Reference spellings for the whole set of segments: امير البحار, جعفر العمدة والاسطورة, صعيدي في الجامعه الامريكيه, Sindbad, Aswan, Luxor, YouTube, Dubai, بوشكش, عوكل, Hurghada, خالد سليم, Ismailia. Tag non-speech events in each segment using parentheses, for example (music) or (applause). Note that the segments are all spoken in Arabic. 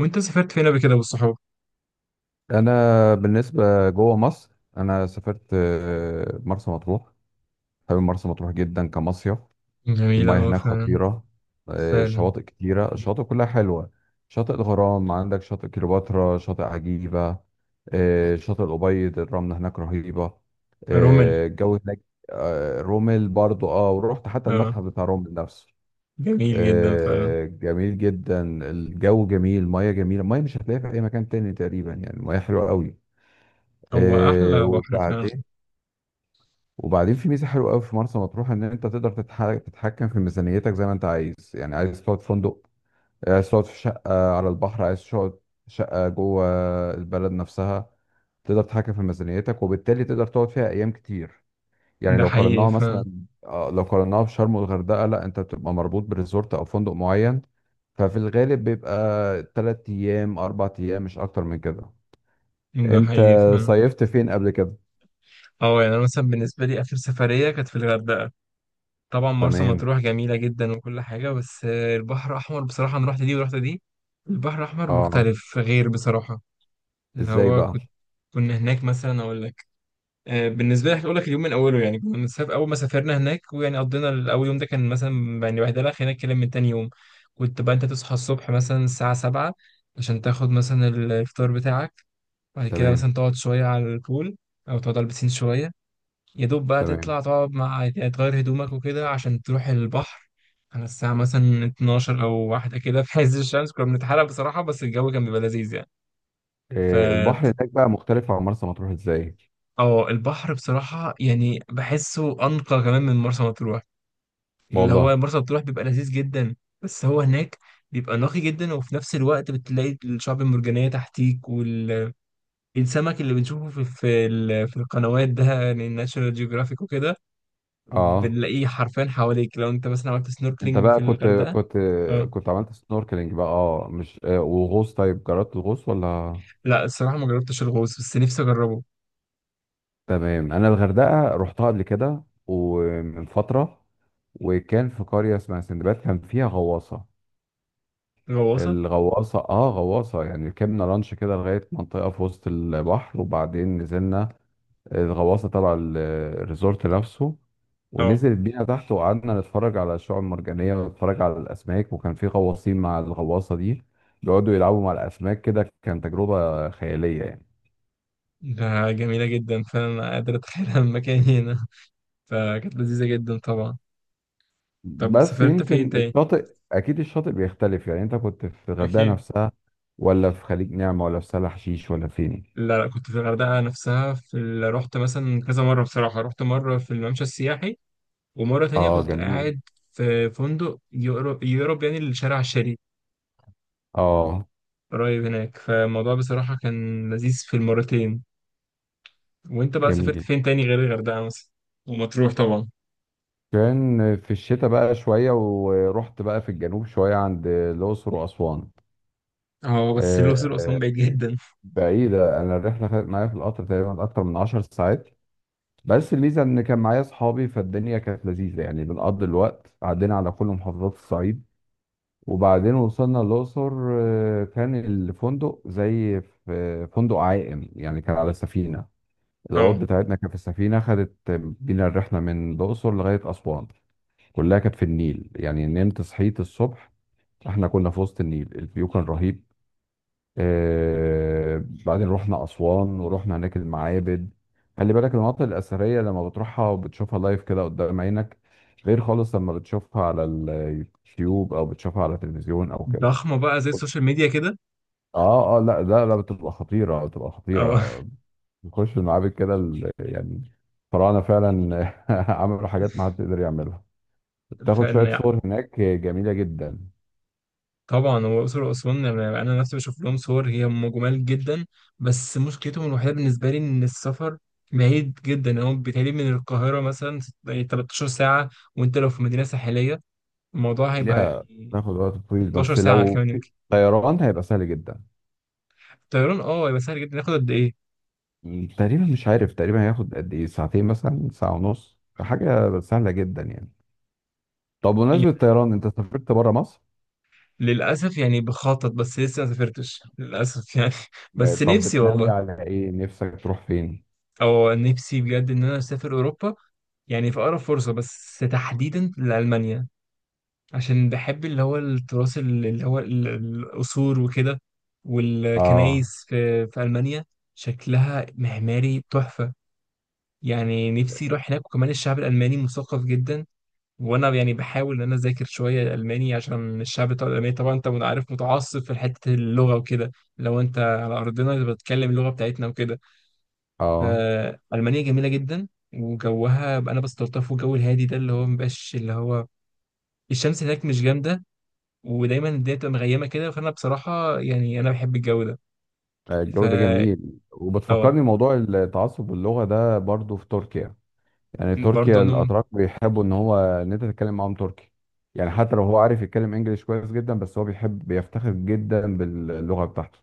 وانت سافرت فين قبل كده بالصحاب؟ انا بالنسبه جوه مصر، انا سافرت مرسى مطروح. حابب مرسى مطروح جدا كمصيف. جميلة، المياه اه، هناك فعلا. خطيره. فعلا. شواطئ كتيره، الشواطئ كلها حلوه. شاطئ الغرام، عندك شاطئ كليوباترا، شاطئ عجيبه، شاطئ الأبيض. الرمله هناك رهيبه، رمل. الجو هناك. رومل برضو ورحت حتى اه، المتحف بتاع رومل نفسه. جميل جدا فعلا. جميل جدا. الجو جميل، المياه جميله، المياه مش هتلاقيها في اي مكان تاني تقريبا، يعني المياه حلوه قوي. هو أحلى بحر وبعدين. فعلا. وبعدين في ميزه حلوه قوي في مرسى مطروح، ان انت تقدر تتحكم في ميزانيتك زي ما انت عايز. يعني عايز تقعد في فندق، عايز تقعد في شقه على البحر، عايز تقعد في شقه جوه البلد نفسها. تقدر تتحكم في ميزانيتك وبالتالي تقدر تقعد فيها ايام كتير. يعني ده لو حقيقي قارناها مثلا، فعلا. لو قارناها بشرم والغردقه، لا انت بتبقى مربوط بريزورت او فندق معين. ففي الغالب بيبقى 3 ايام 4 ايام، مش اكتر من كده. ده انت حقيقي فعلا. صيفت فين قبل كده؟ اه، يعني أنا مثلا بالنسبة لي آخر سفرية كانت في الغردقة. طبعا مرسى تمام. مطروح جميلة جدا وكل حاجة، بس البحر الأحمر بصراحة أنا رحت دي ورحت دي. البحر الأحمر اه. مختلف غير بصراحة. اللي ازاي هو بقى؟ كنت كنا هناك مثلا أقول لك. بالنسبه لي هقول لك اليوم من اوله، يعني كنا مسافر، اول ما سافرنا هناك ويعني قضينا الاول يوم، ده كان مثلا يعني واحده لك هناك كلام. من تاني يوم كنت بقى انت تصحى الصبح مثلا الساعه 7 عشان تاخد مثلا الفطار بتاعك. بعد كده تمام، مثلا تقعد شويه على البول او تقعد على البسين شويه. يا دوب بقى تمام. تطلع تقعد مع يعني تغير هدومك وكده عشان تروح البحر. على الساعه مثلا 12 او واحده كده، في عز الشمس كنا بنتحرق بصراحه، بس الجو كان بيبقى لذيذ. إيه يعني البحر هناك بقى مختلف عن مرسى مطروح ازاي؟ اه، البحر بصراحة يعني بحسه أنقى كمان من مرسى مطروح. اللي والله. هو مرسى مطروح بيبقى لذيذ جدا. بس هو هناك بيبقى نقي جدا، وفي نفس الوقت بتلاقي الشعب المرجانية تحتيك. والسمك اللي بنشوفه في القنوات ده، يعني ناشونال جيوغرافيك وكده، اه. بنلاقيه حرفيا حواليك لو انت مثلا عملت انت سنوركلينج بقى في كنت الغردقة. كنت اه. كنت عملت سنوركلينج بقى، مش وغوص؟ طيب جربت الغوص ولا؟ لا، الصراحة ما جربتش الغوص بس نفسي أجربه. تمام. انا الغردقه رحتها قبل كده ومن فتره، وكان في قريه اسمها سندباد كان فيها غواصه. غواصة. الغواصه، غواصه يعني، ركبنا لانش كده لغايه منطقه في وسط البحر وبعدين نزلنا الغواصه تبع الريزورت نفسه. اه، ونزلت بينا تحت، وقعدنا نتفرج على الشعاب المرجانيه ونتفرج على الاسماك، وكان في غواصين مع الغواصه دي بيقعدوا يلعبوا مع الاسماك كده. كانت تجربه خياليه يعني. ده جميلة جدا، فأنا قادر أتخيلها من مكاني هنا. فكانت لذيذة جدا طبعا. طب بس سافرت فين يمكن تاني؟ الشاطئ، اكيد الشاطئ بيختلف. يعني انت كنت في الغردقه أكيد. نفسها ولا في خليج نعمه ولا في سهل حشيش ولا فين؟ لا لا، كنت في الغردقة نفسها رحت مثلا كذا مرة بصراحة. رحت مرة في الممشى السياحي، ومرة تانية اه كنت جميل. قاعد في فندق يقرب يعني لشارع الشريف، اه قريب هناك. فالموضوع بصراحة كان لذيذ في المرتين. وأنت بقى سافرت جميل. فين تاني غير الغردقة مثلا؟ ومطروح طبعا. كان في الشتاء بقى شوية، ورحت بقى في الجنوب شوية عند الأقصر وأسوان. اه، بس الأقصر وأسوان آه، بعيد جدا. بعيدة. أنا الرحلة خدت معايا في القطر تقريبا أكتر من 10 ساعات، بس الميزة إن كان معايا أصحابي فالدنيا كانت لذيذة يعني. بنقضي الوقت، عدينا على كل محافظات الصعيد، وبعدين وصلنا الأقصر. كان الفندق زي في فندق عائم يعني، كان على سفينة. الأوض اه. بتاعتنا كانت في السفينة، خدت بينا الرحلة من الأقصر لغاية أسوان كلها كانت في النيل. يعني نمت، صحيت الصبح، احنا كنا في وسط النيل، الفيو كان رهيب. بعدين رحنا أسوان، ورحنا هناك المعابد. خلي بالك، المناطق الأثرية لما بتروحها وبتشوفها لايف كده قدام عينك غير خالص لما بتشوفها على اليوتيوب أو بتشوفها على التلفزيون أو كده. ضخمة بقى زي السوشيال ميديا كده. اه اه، لا لا لا، بتبقى خطيرة، بتبقى خطيرة. اه. بنخش المعابد كده، يعني الفراعنة فعلا (laughs) عملوا حاجات ما حد يقدر يعملها. (laughs) بتاخد شوية فإن صور هناك جميلة جدا. طبعا هو الأقصر وأسوان، يعني أنا نفسي بشوف لهم صور، هي هم جمال جدا. بس مشكلتهم الوحيدة بالنسبة لي إن السفر بعيد جدا. يعني هو بيتهيألي من القاهرة مثلا يعني 13 ساعة. وأنت لو في مدينة ساحلية الموضوع هيبقى ليها، يعني تاخد وقت طويل، 16 بس ساعة لو كمان في يمكن. طيران هيبقى سهل جدا. الطيران أه هيبقى سهل جدا، ياخد قد إيه؟ تقريبا مش عارف، تقريبا هياخد قد ايه، ساعتين مثلا، ساعة ونص، حاجة سهلة جدا يعني. طب بمناسبة يعني الطيران، انت سافرت بره مصر؟ للأسف يعني بخطط بس لسه ما سافرتش للأسف يعني (laughs) بس طب نفسي بتناوي والله. على ايه، نفسك تروح فين؟ أو نفسي بجد إن أنا أسافر أوروبا، يعني في أقرب فرصة، بس تحديدا لألمانيا، عشان بحب اللي هو التراث اللي هو القصور وكده. اه. والكنايس في ألمانيا شكلها معماري تحفة. يعني نفسي أروح هناك. وكمان الشعب الألماني مثقف جدا، وأنا يعني بحاول إن أنا أذاكر شوية ألماني، عشان الشعب بتاع الألماني طبعا أنت عارف متعصب في حتة اللغة وكده. لو أنت على أرضنا بتتكلم اللغة بتاعتنا وكده، اه. فألمانيا جميلة جدا. وجوها أنا بستلطفه، الجو الهادي ده اللي هو مبقاش، اللي هو الشمس هناك مش جامدة، ودايما الدنيا بتبقى مغيمه كده، فانا بصراحه يعني انا بحب الجو ده. ف الجو ده جميل، اه. وبتفكرني موضوع التعصب اللغة ده برضو في تركيا. يعني برضه تركيا، انهم. الاتراك بيحبوا ان هو ان انت تتكلم معاهم تركي. يعني حتى لو هو عارف يتكلم انجليش كويس جدا، بس هو بيحب، بيفتخر جدا باللغة بتاعته.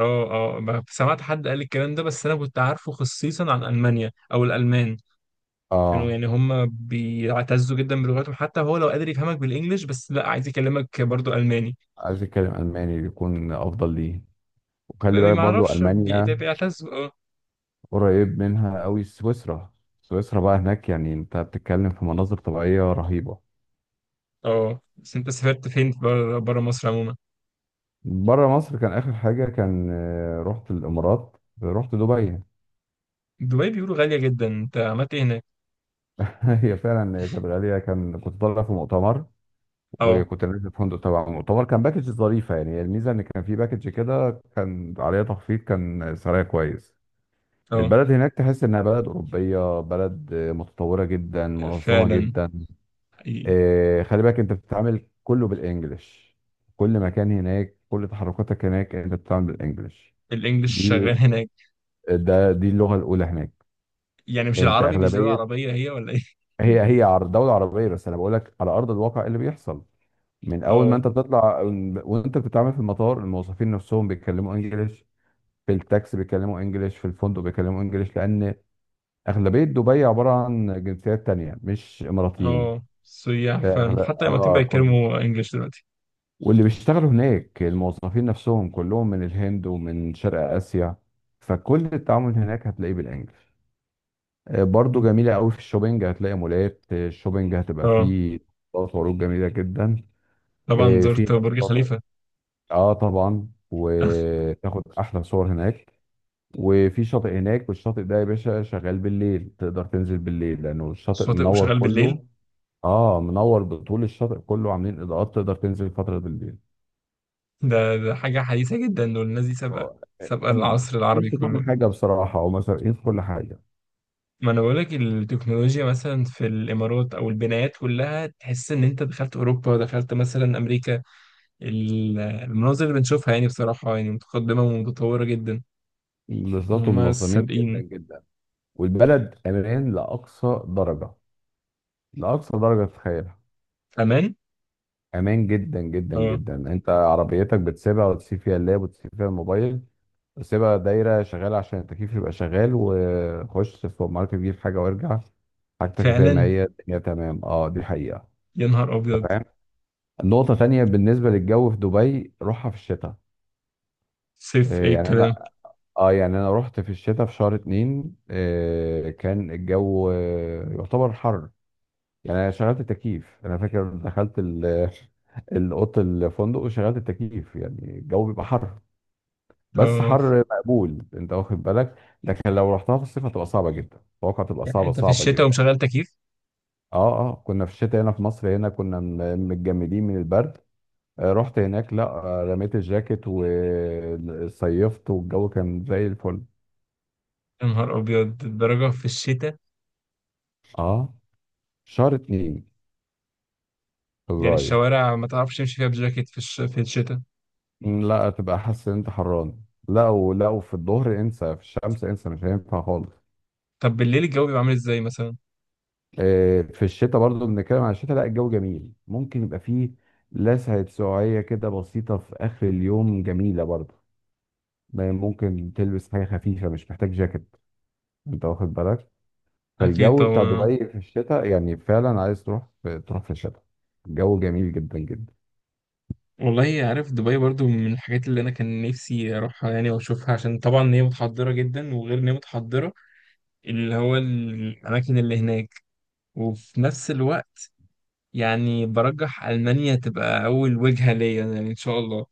اه. اه، سمعت حد قال الكلام ده، بس انا كنت عارفه خصيصا عن المانيا او الالمان، كانوا اه. يعني هم بيعتزوا جدا بلغتهم، حتى هو لو قادر يفهمك بالانجلش بس لا عايز يكلمك برضه الماني. عايز يتكلم الماني، يكون افضل ليه. ما وخلي بالك ما برضو اعرفش، ألمانيا بيعتزوا. اه. قريب منها قوي سويسرا. سويسرا بقى هناك يعني انت بتتكلم في مناظر طبيعية رهيبة. اه، بس انت سافرت فين بره مصر عموما؟ بره مصر كان آخر حاجة، كان رحت الإمارات، رحت دبي. دبي بيقولوا غاليه جدا، انت عملت ايه هناك؟ (laughs) هي فعلا، هي كانت غالية. كنت طالع في مؤتمر، اه. وكنت نازل في فندق تبع المؤتمر، كان باكج ظريفة يعني. الميزة إن كان في باكج كده كان عليها تخفيض، كان سعرها كويس. اه، البلد هناك تحس إنها بلد أوروبية، بلد متطورة جدا، منظمة فعلا. جدا. خلي بالك انت بتتعامل كله بالانجلش. كل مكان هناك، كل تحركاتك هناك انت بتتعامل بالانجلش. الانجلش دي شغال هناك؟ دي اللغه الاولى هناك. يعني مش انت العربي، مش دولة اغلبيه، عربية هي ولا ايه؟ هي دوله عربيه، بس انا بقول لك على ارض الواقع إيه اللي بيحصل. من اول ما اه. انت بتطلع وانت بتتعامل في المطار، الموظفين نفسهم بيتكلموا انجلش، في التاكسي بيتكلموا انجلش، في الفندق بيتكلموا انجلش، لان اغلبيه دبي عباره عن جنسيات تانية مش اماراتيين. اه، سياح، آه، فعلا أغل- حتى الإماراتيين اه بقى يتكلموا انجلش دلوقتي. واللي بيشتغلوا هناك الموظفين نفسهم كلهم من الهند ومن شرق آسيا، فكل التعامل هناك هتلاقيه بالانجلش. برضو جميلة قوي في الشوبينج، هتلاقي مولات، الشوبينج هتبقى اه، فيه طلبات وعروض جميلة جدا. طبعا في زرت هناك برج شاطئ. خليفة. اه طبعا، (laughs) وتاخد احلى صور هناك. وفي شاطئ هناك، والشاطئ ده يا باشا شغال بالليل، تقدر تنزل بالليل لانه الشاطئ شاطئ منور وشغال بالليل؟ كله. اه منور بطول الشاطئ كله، عاملين اضاءات، تقدر تنزل فترة بالليل. ده حاجة حديثة جدا، دول الناس دي سابقة، هو سابقة أم- العصر العربي يمشي كل كله. حاجة بصراحة، هو مسؤولين في كل حاجة. ما انا بقولك التكنولوجيا مثلا في الامارات او البنايات كلها تحس ان انت دخلت اوروبا، دخلت مثلا امريكا. المناظر اللي بنشوفها يعني بصراحة يعني متقدمة ومتطورة جدا. ان بالظبط، هم ومنظمين جدا سابقين. جدا. والبلد أمان لأقصى درجة، لأقصى درجة تتخيلها. امان. أمان جدا جدا اه، جدا. أنت عربيتك بتسيبها وتسيب فيها اللاب وتسيب فيها الموبايل وتسيبها دايرة شغالة عشان التكييف يبقى شغال، وخش السوبر ماركت تجيب حاجة وارجع، حاجتك زي ما فعلا. هي، الدنيا تمام. اه دي حقيقة. يا نهار أبيض. تمام. نقطة تانية بالنسبة للجو في دبي، روحها في الشتاء. صيف إيه إيه يعني. الكلام. انا اه يعني انا رحت في الشتاء في شهر اتنين. كان الجو يعتبر حر. يعني انا شغلت التكييف. انا فاكر دخلت (laughs) الاوضه، الفندق، وشغلت التكييف، يعني الجو بيبقى حر. بس آه، حر مقبول، انت واخد بالك. لكن لو رحتها في الصيف هتبقى صعبه جدا، اتوقع تبقى يعني صعبه أنت في صعبه الشتاء جدا. ومشغل تكييف؟ اه اه، كنا في الشتاء هنا في مصر، هنا كنا متجمدين من البرد. رحت هناك، لا رميت الجاكيت وصيفت، والجو كان زي الفل. يا نهار أبيض الدرجة في الشتاء. اه. شهر اتنين، يعني فبراير. الشوارع ما تعرفش تمشي فيها بجاكيت في الشتاء؟ لا، تبقى حاسس ان انت حران. لا، ولو في الظهر انسى، في الشمس انسى، مش هينفع خالص. طب بالليل الجو بيبقى عامل إزاي مثلا؟ في الشتاء برضو، بنتكلم عن الشتاء، لا الجو جميل، ممكن يبقى فيه لسعة سقعية كده بسيطة في آخر اليوم، جميلة برضو. ما ممكن تلبس حاجة خفيفة، مش محتاج جاكيت، انت واخد بالك. أكيد فالجو بتاع طبعا. دبي في الشتاء يعني فعلا عايز تروح في الشتاء. الجو جميل جدا جدا. والله عارف، دبي برضو من الحاجات اللي أنا كان نفسي أروحها يعني وأشوفها، عشان طبعا هي متحضرة جدا. وغير إن هي متحضرة، اللي هو الأماكن اللي هناك، وفي نفس الوقت يعني برجح ألمانيا تبقى أول وجهة ليا، يعني إن شاء الله.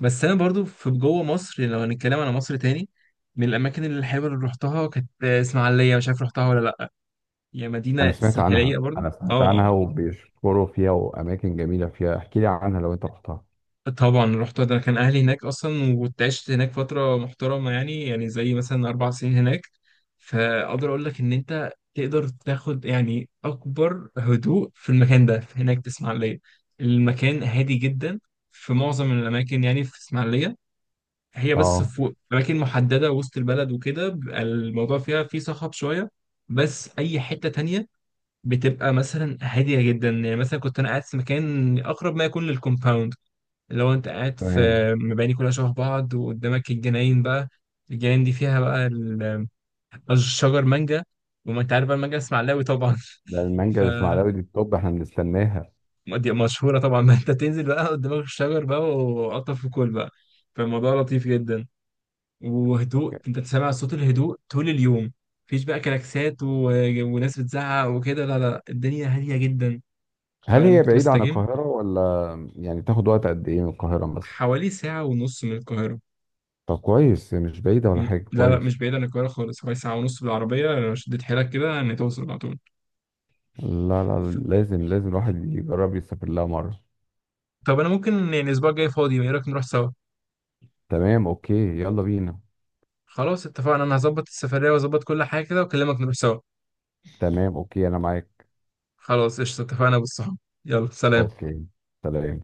بس انا برضو في جوه مصر، يعني لو هنتكلم على مصر تاني، من الاماكن اللي الحلوه اللي رحتها كانت اسماعيليه، مش عارف رحتها ولا لا. هي انا مدينه سمعت ساحليه عنها، برضو. انا اه. سمعت عنها، وبيشكروا فيها واماكن جميلة فيها، احكي لي عنها لو انت رحتها. طبعا رحتها، ده كان اهلي هناك اصلا وكنت عشت هناك فتره محترمه، يعني يعني زي مثلا 4 سنين هناك. فاقدر اقول لك ان انت تقدر تاخد يعني اكبر هدوء في المكان ده، في هناك في اسماعيليه. المكان هادي جدا في معظم الاماكن يعني في اسماعيليه. هي بس اه. في أماكن محددة وسط البلد وكده بيبقى الموضوع فيها فيه صخب شوية. بس أي حتة تانية بتبقى مثلا هادية جدا. يعني مثلا كنت أنا قاعد في مكان أقرب ما يكون للكومباوند، اللي هو أنت قاعد في تمام. مباني كلها شبه بعض، وقدامك الجناين بقى. الجناين دي فيها بقى الشجر مانجا. وما أنت عارف بقى المانجا اسماعيلاوي طبعا. ده (laughs) المانجا ف الاسماعيلاوي دي التوب احنا بنستناها. دي مشهورة طبعا. ما أنت تنزل بقى قدامك الشجر بقى وقطف وكل بقى. فالموضوع لطيف جدا، وهدوء، انت تسمع صوت الهدوء طول اليوم. مفيش بقى كلاكسات و... وناس بتزعق وكده. لا لا لا، الدنيا هادية جدا. هل فلما هي كنت بعيدة عن بستجم. القاهرة ولا؟ يعني تاخد وقت قد ايه من القاهرة مثلا؟ حوالي ساعة ونص من القاهرة. طب كويس، مش بعيدة ولا م- حاجة، لا لا، كويس. مش بعيد عن القاهرة خالص، حوالي ساعة ونص بالعربية لو شديت حيلك كده ان توصل على طول. لا لا، ف- لازم لازم الواحد يجرب يسافر لها مرة. طب انا ممكن يعني الاسبوع الجاي فاضي، ايه رأيك نروح سوا؟ تمام، اوكي. يلا بينا. خلاص اتفقنا، انا هظبط السفرية واظبط كل حاجة كده واكلمك نروح سوا. تمام، اوكي، انا معاك. خلاص قشطة، اتفقنا بالصحاب. يلا سلام. اوكي. سلام.